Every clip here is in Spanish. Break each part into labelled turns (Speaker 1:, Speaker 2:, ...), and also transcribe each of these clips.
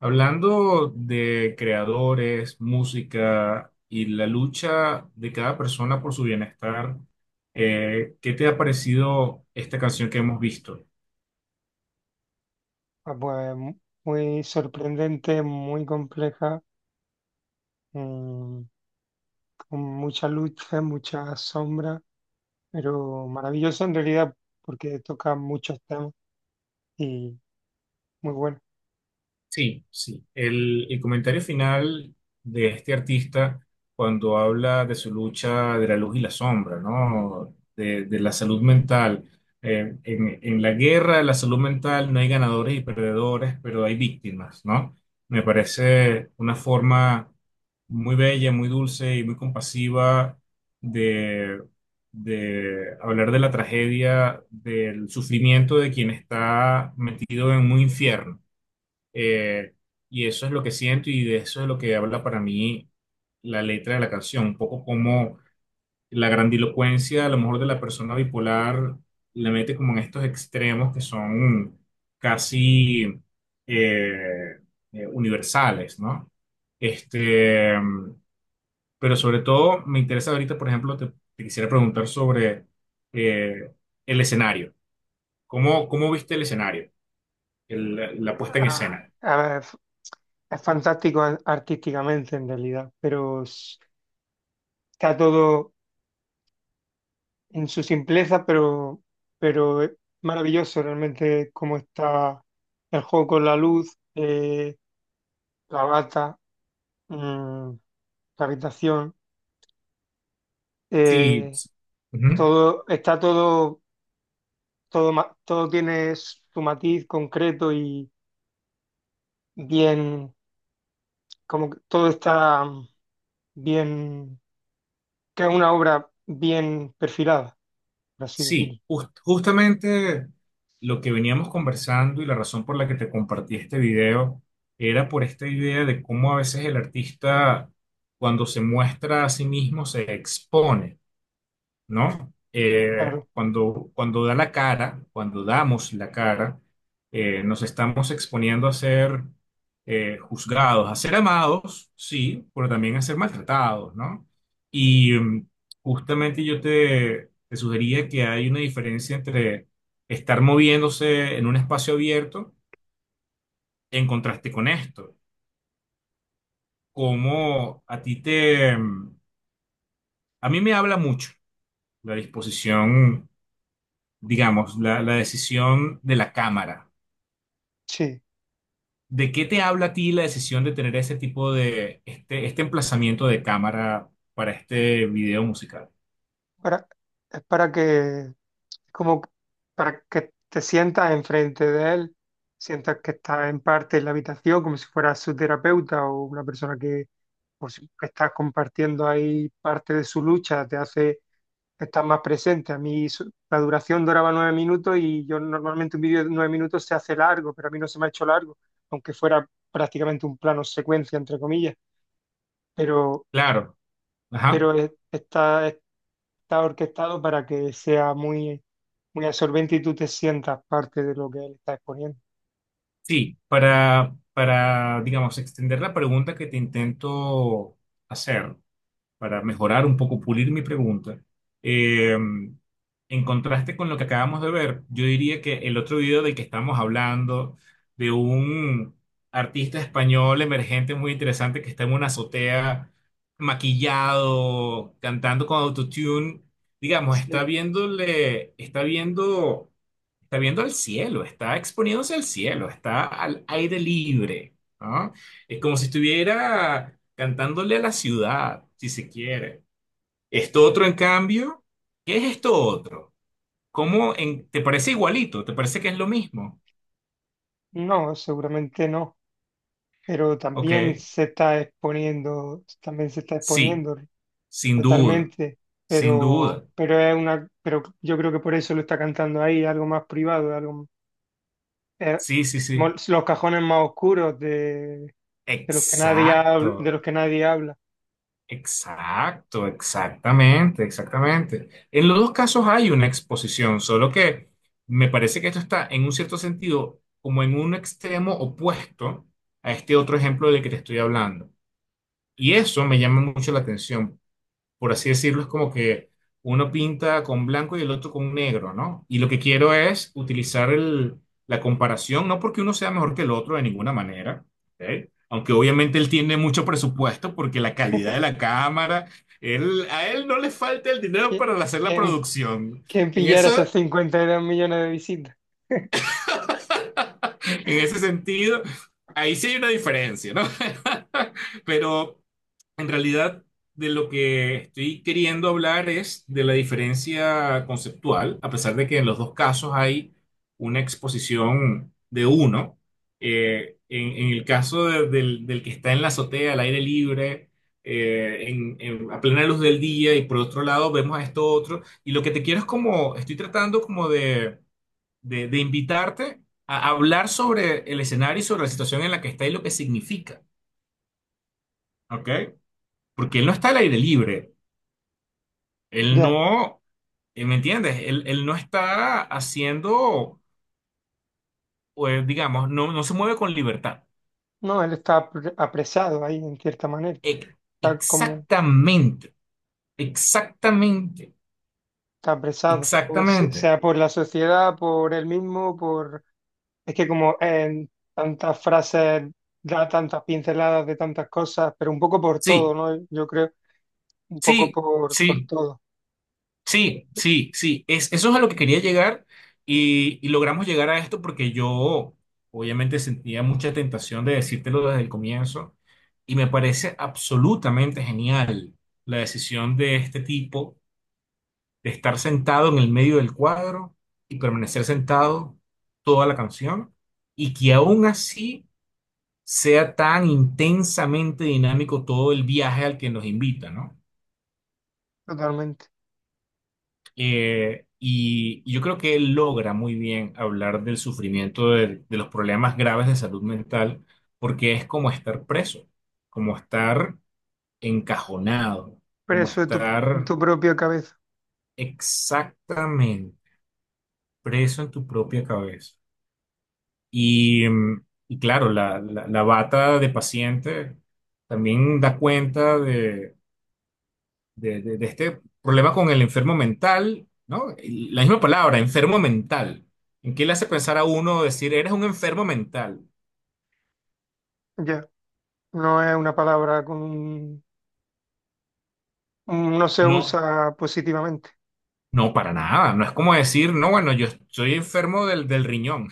Speaker 1: Hablando de creadores, música y la lucha de cada persona por su bienestar, ¿qué te ha parecido esta canción que hemos visto?
Speaker 2: Ah, pues muy sorprendente, muy compleja, mm, con muchas luces, muchas sombras, pero maravillosa en realidad porque toca muchos temas y muy bueno.
Speaker 1: Sí, sí. El comentario final de este artista cuando habla de su lucha de la luz y la sombra, ¿no? De la salud mental. En la guerra de la salud mental no hay ganadores y perdedores, pero hay víctimas, ¿no? Me parece una forma muy bella, muy dulce y muy compasiva de, de hablar de la tragedia, del sufrimiento de quien está metido en un infierno. Eh, y eso es lo que siento y de eso es lo que habla para mí la letra de la canción, un poco como la grandilocuencia a lo mejor de la persona bipolar le mete como en estos extremos que son casi eh, universales, ¿no? Este, pero sobre todo me interesa ahorita, por ejemplo, te quisiera preguntar sobre eh, el escenario. ¿Cómo viste el escenario? La puesta en
Speaker 2: Ah,
Speaker 1: escena.
Speaker 2: a ver, es fantástico artísticamente en realidad, pero está todo en su simpleza, pero es maravilloso realmente cómo está el juego con la luz, la bata, mm, la habitación.
Speaker 1: Sí,
Speaker 2: eh,
Speaker 1: sí. Ujú.
Speaker 2: Todo, está todo, todo, todo tiene su matiz concreto y bien, como que todo está bien, que es una obra bien perfilada, por así
Speaker 1: Sí,
Speaker 2: decirlo.
Speaker 1: justamente lo que veníamos conversando y la razón por la que te compartí este video era por esta idea de cómo a veces el artista, cuando se muestra a sí mismo, se expone. ¿No?
Speaker 2: Claro,
Speaker 1: Cuando da la cara, cuando damos la cara, nos estamos exponiendo a ser juzgados, a ser amados, sí, pero también a ser maltratados, ¿no? Y mm, justamente yo te sugería que hay una diferencia entre estar moviéndose en un espacio abierto en contraste con esto. Como a ti te... mm, A mí me habla mucho la disposición. Digamos, la decisión de la cámara.
Speaker 2: sí.
Speaker 1: ¿De qué te habla a ti la decisión de tener ese tipo de, este emplazamiento de cámara para este video musical?
Speaker 2: Para, es para que, como para que te sientas enfrente de él, sientas que estás en parte en la habitación, como si fueras su terapeuta o una persona que, pues, que estás compartiendo ahí parte de su lucha, te hace estar más presente. A mí la duración duraba 9 minutos y yo normalmente un vídeo de 9 minutos se hace largo, pero a mí no se me ha hecho largo, aunque fuera prácticamente un plano secuencia, entre comillas. Pero
Speaker 1: Claro, ajá.
Speaker 2: pero está, está orquestado para que sea muy, muy absorbente y tú te sientas parte de lo que él está exponiendo.
Speaker 1: Sí, digamos, extender la pregunta que te intento hacer. Para mejorar un poco, pulir mi pregunta, eh, en contraste con lo que acabamos de ver, yo diría que el otro video del que estamos hablando, de un artista español emergente muy interesante que está en una azotea maquillado, cantando con autotune, digamos, está
Speaker 2: Sí.
Speaker 1: viéndole, está viendo al cielo, está exponiéndose al cielo, está al aire libre, ¿no? Es como si estuviera cantándole a la ciudad, si se quiere. Esto otro, en cambio, ¿qué es esto otro? ¿Cómo te parece igualito? ¿Te parece que es lo mismo?
Speaker 2: No, seguramente no, pero
Speaker 1: Ok,
Speaker 2: también se está exponiendo, también se está
Speaker 1: sí,
Speaker 2: exponiendo
Speaker 1: sin duda,
Speaker 2: totalmente,
Speaker 1: sin duda.
Speaker 2: pero es una, pero yo creo que por eso lo está cantando ahí, algo más privado, algo, eh,
Speaker 1: Sí, sí, sí.
Speaker 2: los cajones más oscuros de los que nadie habla, de
Speaker 1: Exacto.
Speaker 2: los que nadie habla.
Speaker 1: Exacto, exactamente, exactamente. En los dos casos hay una exposición, solo que me parece que esto está en un cierto sentido como en un extremo opuesto a este otro ejemplo del que te estoy hablando. Y eso me llama mucho la atención, por así decirlo, es como que uno pinta con blanco y el otro con negro, ¿no? Y lo que quiero es utilizar la comparación, no porque uno sea mejor que el otro de ninguna manera, ¿ok? Aunque obviamente él tiene mucho presupuesto porque la calidad de la cámara, él, a él no le falta el dinero
Speaker 2: ¿Qui-
Speaker 1: para hacer la
Speaker 2: ¿Quién,
Speaker 1: producción.
Speaker 2: que
Speaker 1: En
Speaker 2: pillara
Speaker 1: eso
Speaker 2: esas 52 millones de visitas.
Speaker 1: En ese sentido, ahí sí hay una diferencia, ¿no? Pero en realidad de lo que estoy queriendo hablar es de la diferencia conceptual, a pesar de que en los dos casos hay una exposición de uno. En el caso del que está en la azotea, al aire libre, a plena luz del día, y por otro lado vemos a esto otro. Y lo que te quiero es como, estoy tratando como de invitarte a hablar sobre el escenario y sobre la situación en la que está y lo que significa, ¿ok? Porque él no está al aire libre, él
Speaker 2: Ya,
Speaker 1: no, ¿me entiendes? Él no está haciendo, pues, digamos, no, no se mueve con libertad.
Speaker 2: no, él está apresado ahí en cierta manera.
Speaker 1: E-
Speaker 2: Está como,
Speaker 1: Exactamente, exactamente,
Speaker 2: está apresado, por,
Speaker 1: exactamente.
Speaker 2: sea por la sociedad, por él mismo, por... Es que como en tantas frases da tantas pinceladas de tantas cosas, pero un poco por todo,
Speaker 1: Sí,
Speaker 2: ¿no? Yo creo, un poco
Speaker 1: sí,
Speaker 2: por
Speaker 1: sí.
Speaker 2: todo,
Speaker 1: Sí, sí, sí. Es, eso es a lo que quería llegar y logramos llegar a esto porque yo obviamente sentía mucha tentación de decírtelo desde el comienzo y me parece absolutamente genial la decisión de este tipo de estar sentado en el medio del cuadro y permanecer sentado toda la canción y que aún así sea tan intensamente dinámico todo el viaje al que nos invita, ¿no?
Speaker 2: totalmente.
Speaker 1: Y yo creo que él logra muy bien hablar del sufrimiento, de los problemas graves de salud mental, porque es como estar preso, como estar encajonado, como
Speaker 2: Preso de tu, en
Speaker 1: estar
Speaker 2: tu propia cabeza,
Speaker 1: exactamente preso en tu propia cabeza. Y claro, la bata de paciente también da cuenta de, de este problema con el enfermo mental, ¿no? Y la misma palabra, enfermo mental. ¿En qué le hace pensar a uno decir, eres un enfermo mental?
Speaker 2: ya. No es una palabra con... No se
Speaker 1: No,
Speaker 2: usa positivamente.
Speaker 1: no, para nada. No es como decir, no, bueno, yo estoy enfermo del riñón,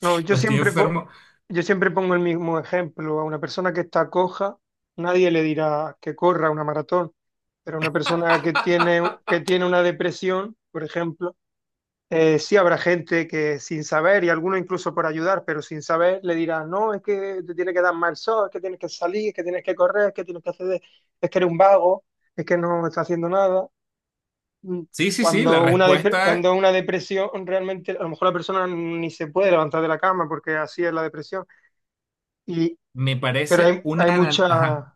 Speaker 2: No,
Speaker 1: o
Speaker 2: yo
Speaker 1: estoy
Speaker 2: siempre,
Speaker 1: enfermo.
Speaker 2: yo siempre pongo el mismo ejemplo. A una persona que está coja, nadie le dirá que corra una maratón, pero a una persona que tiene una depresión, por ejemplo, sí habrá gente que sin saber, y algunos incluso por ayudar, pero sin saber, le dirá, no, es que te tiene que dar mal sol, es que tienes que salir, es que tienes que correr, es que tienes que hacer, es que eres un vago, es que no estás haciendo nada. Mm,
Speaker 1: Sí, sí, sí, la
Speaker 2: Cuando una,
Speaker 1: respuesta
Speaker 2: cuando una depresión, realmente a lo mejor la persona ni se puede levantar de la cama porque así es la depresión. Y,
Speaker 1: me
Speaker 2: pero
Speaker 1: parece
Speaker 2: hay,
Speaker 1: una... Ajá,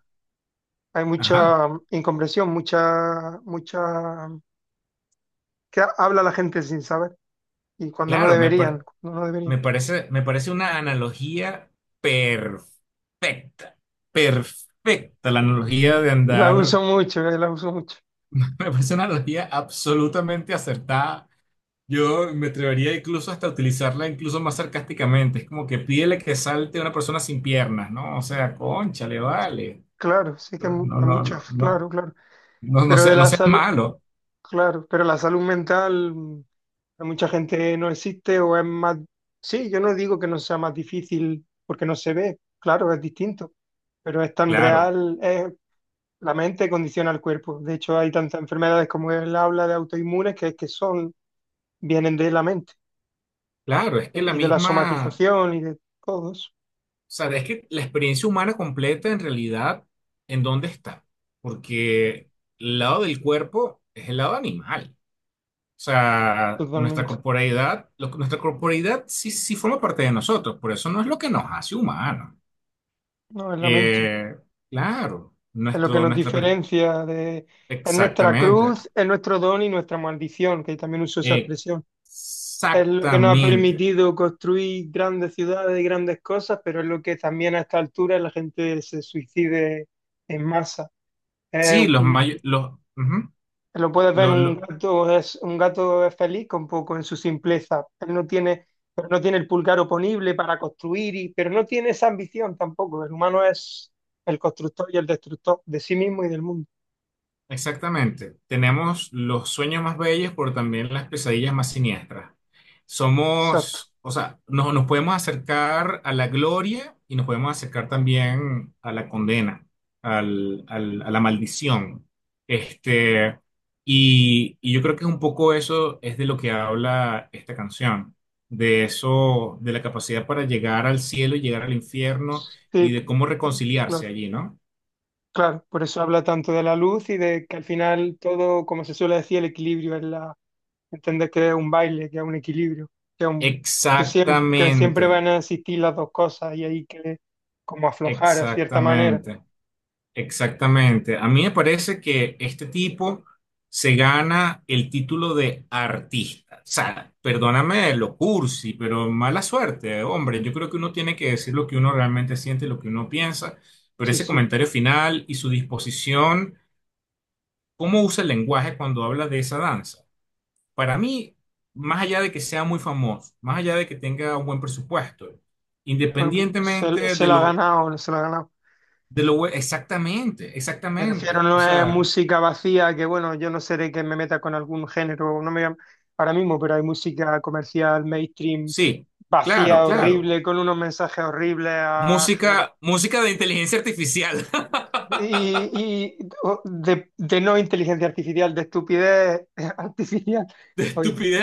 Speaker 2: hay
Speaker 1: ajá,
Speaker 2: mucha incomprensión, mucha, mucha, que habla la gente sin saber y cuando no
Speaker 1: claro,
Speaker 2: deberían, cuando no deberían.
Speaker 1: me parece una analogía perfecta, perfecta la analogía de
Speaker 2: La
Speaker 1: andar.
Speaker 2: uso mucho, la uso mucho.
Speaker 1: Me parece una analogía absolutamente acertada. Yo me atrevería incluso hasta a utilizarla incluso más sarcásticamente. Es como que pídele que salte a una persona sin piernas, ¿no? O sea, concha, le vale.
Speaker 2: Claro, sí que
Speaker 1: Pero no,
Speaker 2: hay
Speaker 1: no, no,
Speaker 2: muchas,
Speaker 1: no,
Speaker 2: claro, claro.
Speaker 1: no,
Speaker 2: Pero de
Speaker 1: no
Speaker 2: la
Speaker 1: seas
Speaker 2: salud,
Speaker 1: malo.
Speaker 2: claro, pero la salud mental. Hay mucha gente no existe o es más... Sí, yo no digo que no sea más difícil porque no se ve, claro, es distinto, pero es tan
Speaker 1: Claro,
Speaker 2: real, la mente condiciona al cuerpo. De hecho, hay tantas enfermedades como él habla de autoinmunes que son, vienen de la mente
Speaker 1: claro, es que la
Speaker 2: y de la
Speaker 1: misma, o
Speaker 2: somatización y de todos,
Speaker 1: sea, es que la experiencia humana completa en realidad, ¿en dónde está? Porque el lado del cuerpo es el lado animal. O sea, nuestra
Speaker 2: totalmente.
Speaker 1: corporeidad, nuestra corporeidad sí, sí forma parte de nosotros, por eso no es lo que nos hace humanos.
Speaker 2: No, es la mente,
Speaker 1: Eh, claro,
Speaker 2: es lo que
Speaker 1: nuestro,
Speaker 2: nos
Speaker 1: nuestra,
Speaker 2: diferencia de... Es nuestra
Speaker 1: exactamente,
Speaker 2: cruz, es nuestro don y nuestra maldición, que también uso esa expresión. Es lo que nos ha
Speaker 1: exactamente.
Speaker 2: permitido construir grandes ciudades y grandes cosas, pero es lo que también a esta altura la gente se suicide en masa.
Speaker 1: Sí,
Speaker 2: Eh,
Speaker 1: los
Speaker 2: un-
Speaker 1: mayores, los, ujú,
Speaker 2: lo puedes ver,
Speaker 1: lo- lo-
Speaker 2: un gato es feliz con poco en su simpleza. Él no tiene, pero no tiene el pulgar oponible para construir, y, pero no tiene esa ambición tampoco. El humano es el constructor y el destructor de sí mismo y del mundo.
Speaker 1: Exactamente. Tenemos los sueños más bellos, pero también las pesadillas más siniestras.
Speaker 2: Exacto.
Speaker 1: Somos, o sea, nos podemos acercar a la gloria y nos podemos acercar también a la condena, a la maldición. Este, y yo creo que un poco eso es de lo que habla esta canción, de eso, de la capacidad para llegar al cielo y llegar al infierno y
Speaker 2: Sí,
Speaker 1: de cómo
Speaker 2: lo
Speaker 1: reconciliarse allí, ¿no?
Speaker 2: claro, por eso habla tanto de la luz y de que al final todo, como se suele decir, el equilibrio es la, entender que es un baile, que es un equilibrio, que, es un- que siempre
Speaker 1: Exactamente.
Speaker 2: van a existir las dos cosas y hay que como aflojar a cierta manera.
Speaker 1: Exactamente, exactamente. A mí me parece que este tipo se gana el título de artista. O sea, perdóname lo cursi, pero mala suerte, hombre. Yo creo que uno tiene que decir lo que uno realmente siente, lo que uno piensa, pero
Speaker 2: Sí,
Speaker 1: ese
Speaker 2: sí.
Speaker 1: comentario final y su disposición, cómo usa el lenguaje cuando habla de esa danza. Para mí, más allá de que sea muy famoso, más allá de que tenga un buen presupuesto,
Speaker 2: Bueno, pues, se,
Speaker 1: independientemente
Speaker 2: se
Speaker 1: de
Speaker 2: lo ha
Speaker 1: lo...
Speaker 2: ganado, no se lo ha ganado.
Speaker 1: Exactamente,
Speaker 2: Me refiero,
Speaker 1: exactamente. O
Speaker 2: no es
Speaker 1: sea,
Speaker 2: música vacía, que bueno, yo no seré que me meta con algún género, no me voy ahora mismo, pero hay música comercial, mainstream,
Speaker 1: sí, claro,
Speaker 2: vacía,
Speaker 1: claro.
Speaker 2: horrible, con unos mensajes horribles a
Speaker 1: Música, música de inteligencia artificial,
Speaker 2: Y, y de no inteligencia artificial, de estupidez artificial.
Speaker 1: de
Speaker 2: Oye,
Speaker 1: estupidez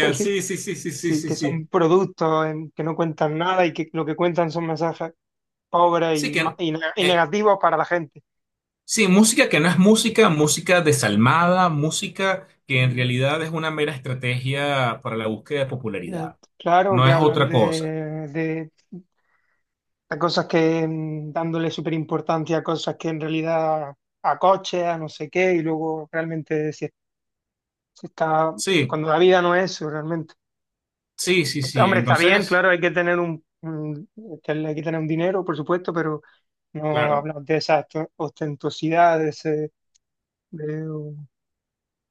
Speaker 2: sí,
Speaker 1: Sí, sí, sí, sí, sí,
Speaker 2: sí,
Speaker 1: sí,
Speaker 2: que son
Speaker 1: sí.
Speaker 2: productos que no cuentan nada y que lo que cuentan son mensajes pobres
Speaker 1: Sí,
Speaker 2: y,
Speaker 1: que,
Speaker 2: y, y
Speaker 1: eh,
Speaker 2: negativos para la gente.
Speaker 1: sí, música que no es música, música desalmada, música que en
Speaker 2: Mm,
Speaker 1: realidad es una mera estrategia para la búsqueda de
Speaker 2: eh,
Speaker 1: popularidad.
Speaker 2: Claro
Speaker 1: No
Speaker 2: que
Speaker 1: es
Speaker 2: hablan
Speaker 1: otra cosa.
Speaker 2: de cosas que dándole súper importancia a cosas que en realidad a coches, a no sé qué, y luego realmente si, si está
Speaker 1: Sí,
Speaker 2: cuando la vida no es eso realmente.
Speaker 1: sí, sí, sí.
Speaker 2: Hombre, está bien,
Speaker 1: Entonces,
Speaker 2: claro, hay que tener este, hay que tener un dinero, por supuesto, pero no
Speaker 1: claro.
Speaker 2: hablamos de esa ostentosidad, de ese, de,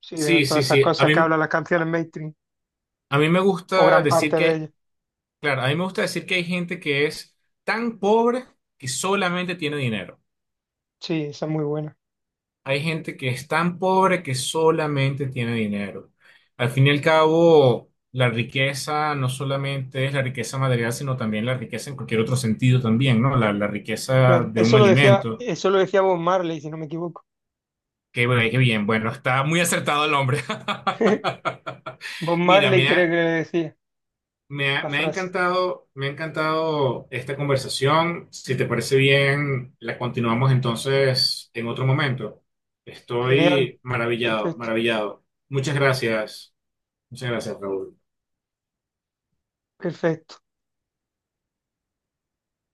Speaker 2: sí, de
Speaker 1: Sí,
Speaker 2: todas
Speaker 1: sí,
Speaker 2: esas
Speaker 1: sí.
Speaker 2: cosas que hablan las canciones mainstream,
Speaker 1: A mí me
Speaker 2: o
Speaker 1: gusta
Speaker 2: gran
Speaker 1: decir
Speaker 2: parte de
Speaker 1: que
Speaker 2: ellas.
Speaker 1: claro, a mí me gusta decir que hay gente que es tan pobre que solamente tiene dinero.
Speaker 2: Sí, esa es muy buena.
Speaker 1: Hay gente que es tan pobre que solamente tiene dinero. Al fin y al cabo, la riqueza no solamente es la riqueza material, sino también la riqueza en cualquier otro sentido también, ¿no? La riqueza
Speaker 2: Claro,
Speaker 1: de un alimento.
Speaker 2: eso lo decía Bob Marley, si no me equivoco.
Speaker 1: Qué, bueno, qué bien, bueno, está muy acertado el hombre.
Speaker 2: Bob
Speaker 1: Mira,
Speaker 2: Marley
Speaker 1: me
Speaker 2: creo
Speaker 1: ha-
Speaker 2: que le decía la frase.
Speaker 1: Me ha encantado esta conversación. Si te parece bien, la continuamos entonces en otro momento.
Speaker 2: Genial,
Speaker 1: Estoy maravillado,
Speaker 2: perfecto,
Speaker 1: maravillado. Muchas gracias. Muchas gracias, Raúl.
Speaker 2: perfecto.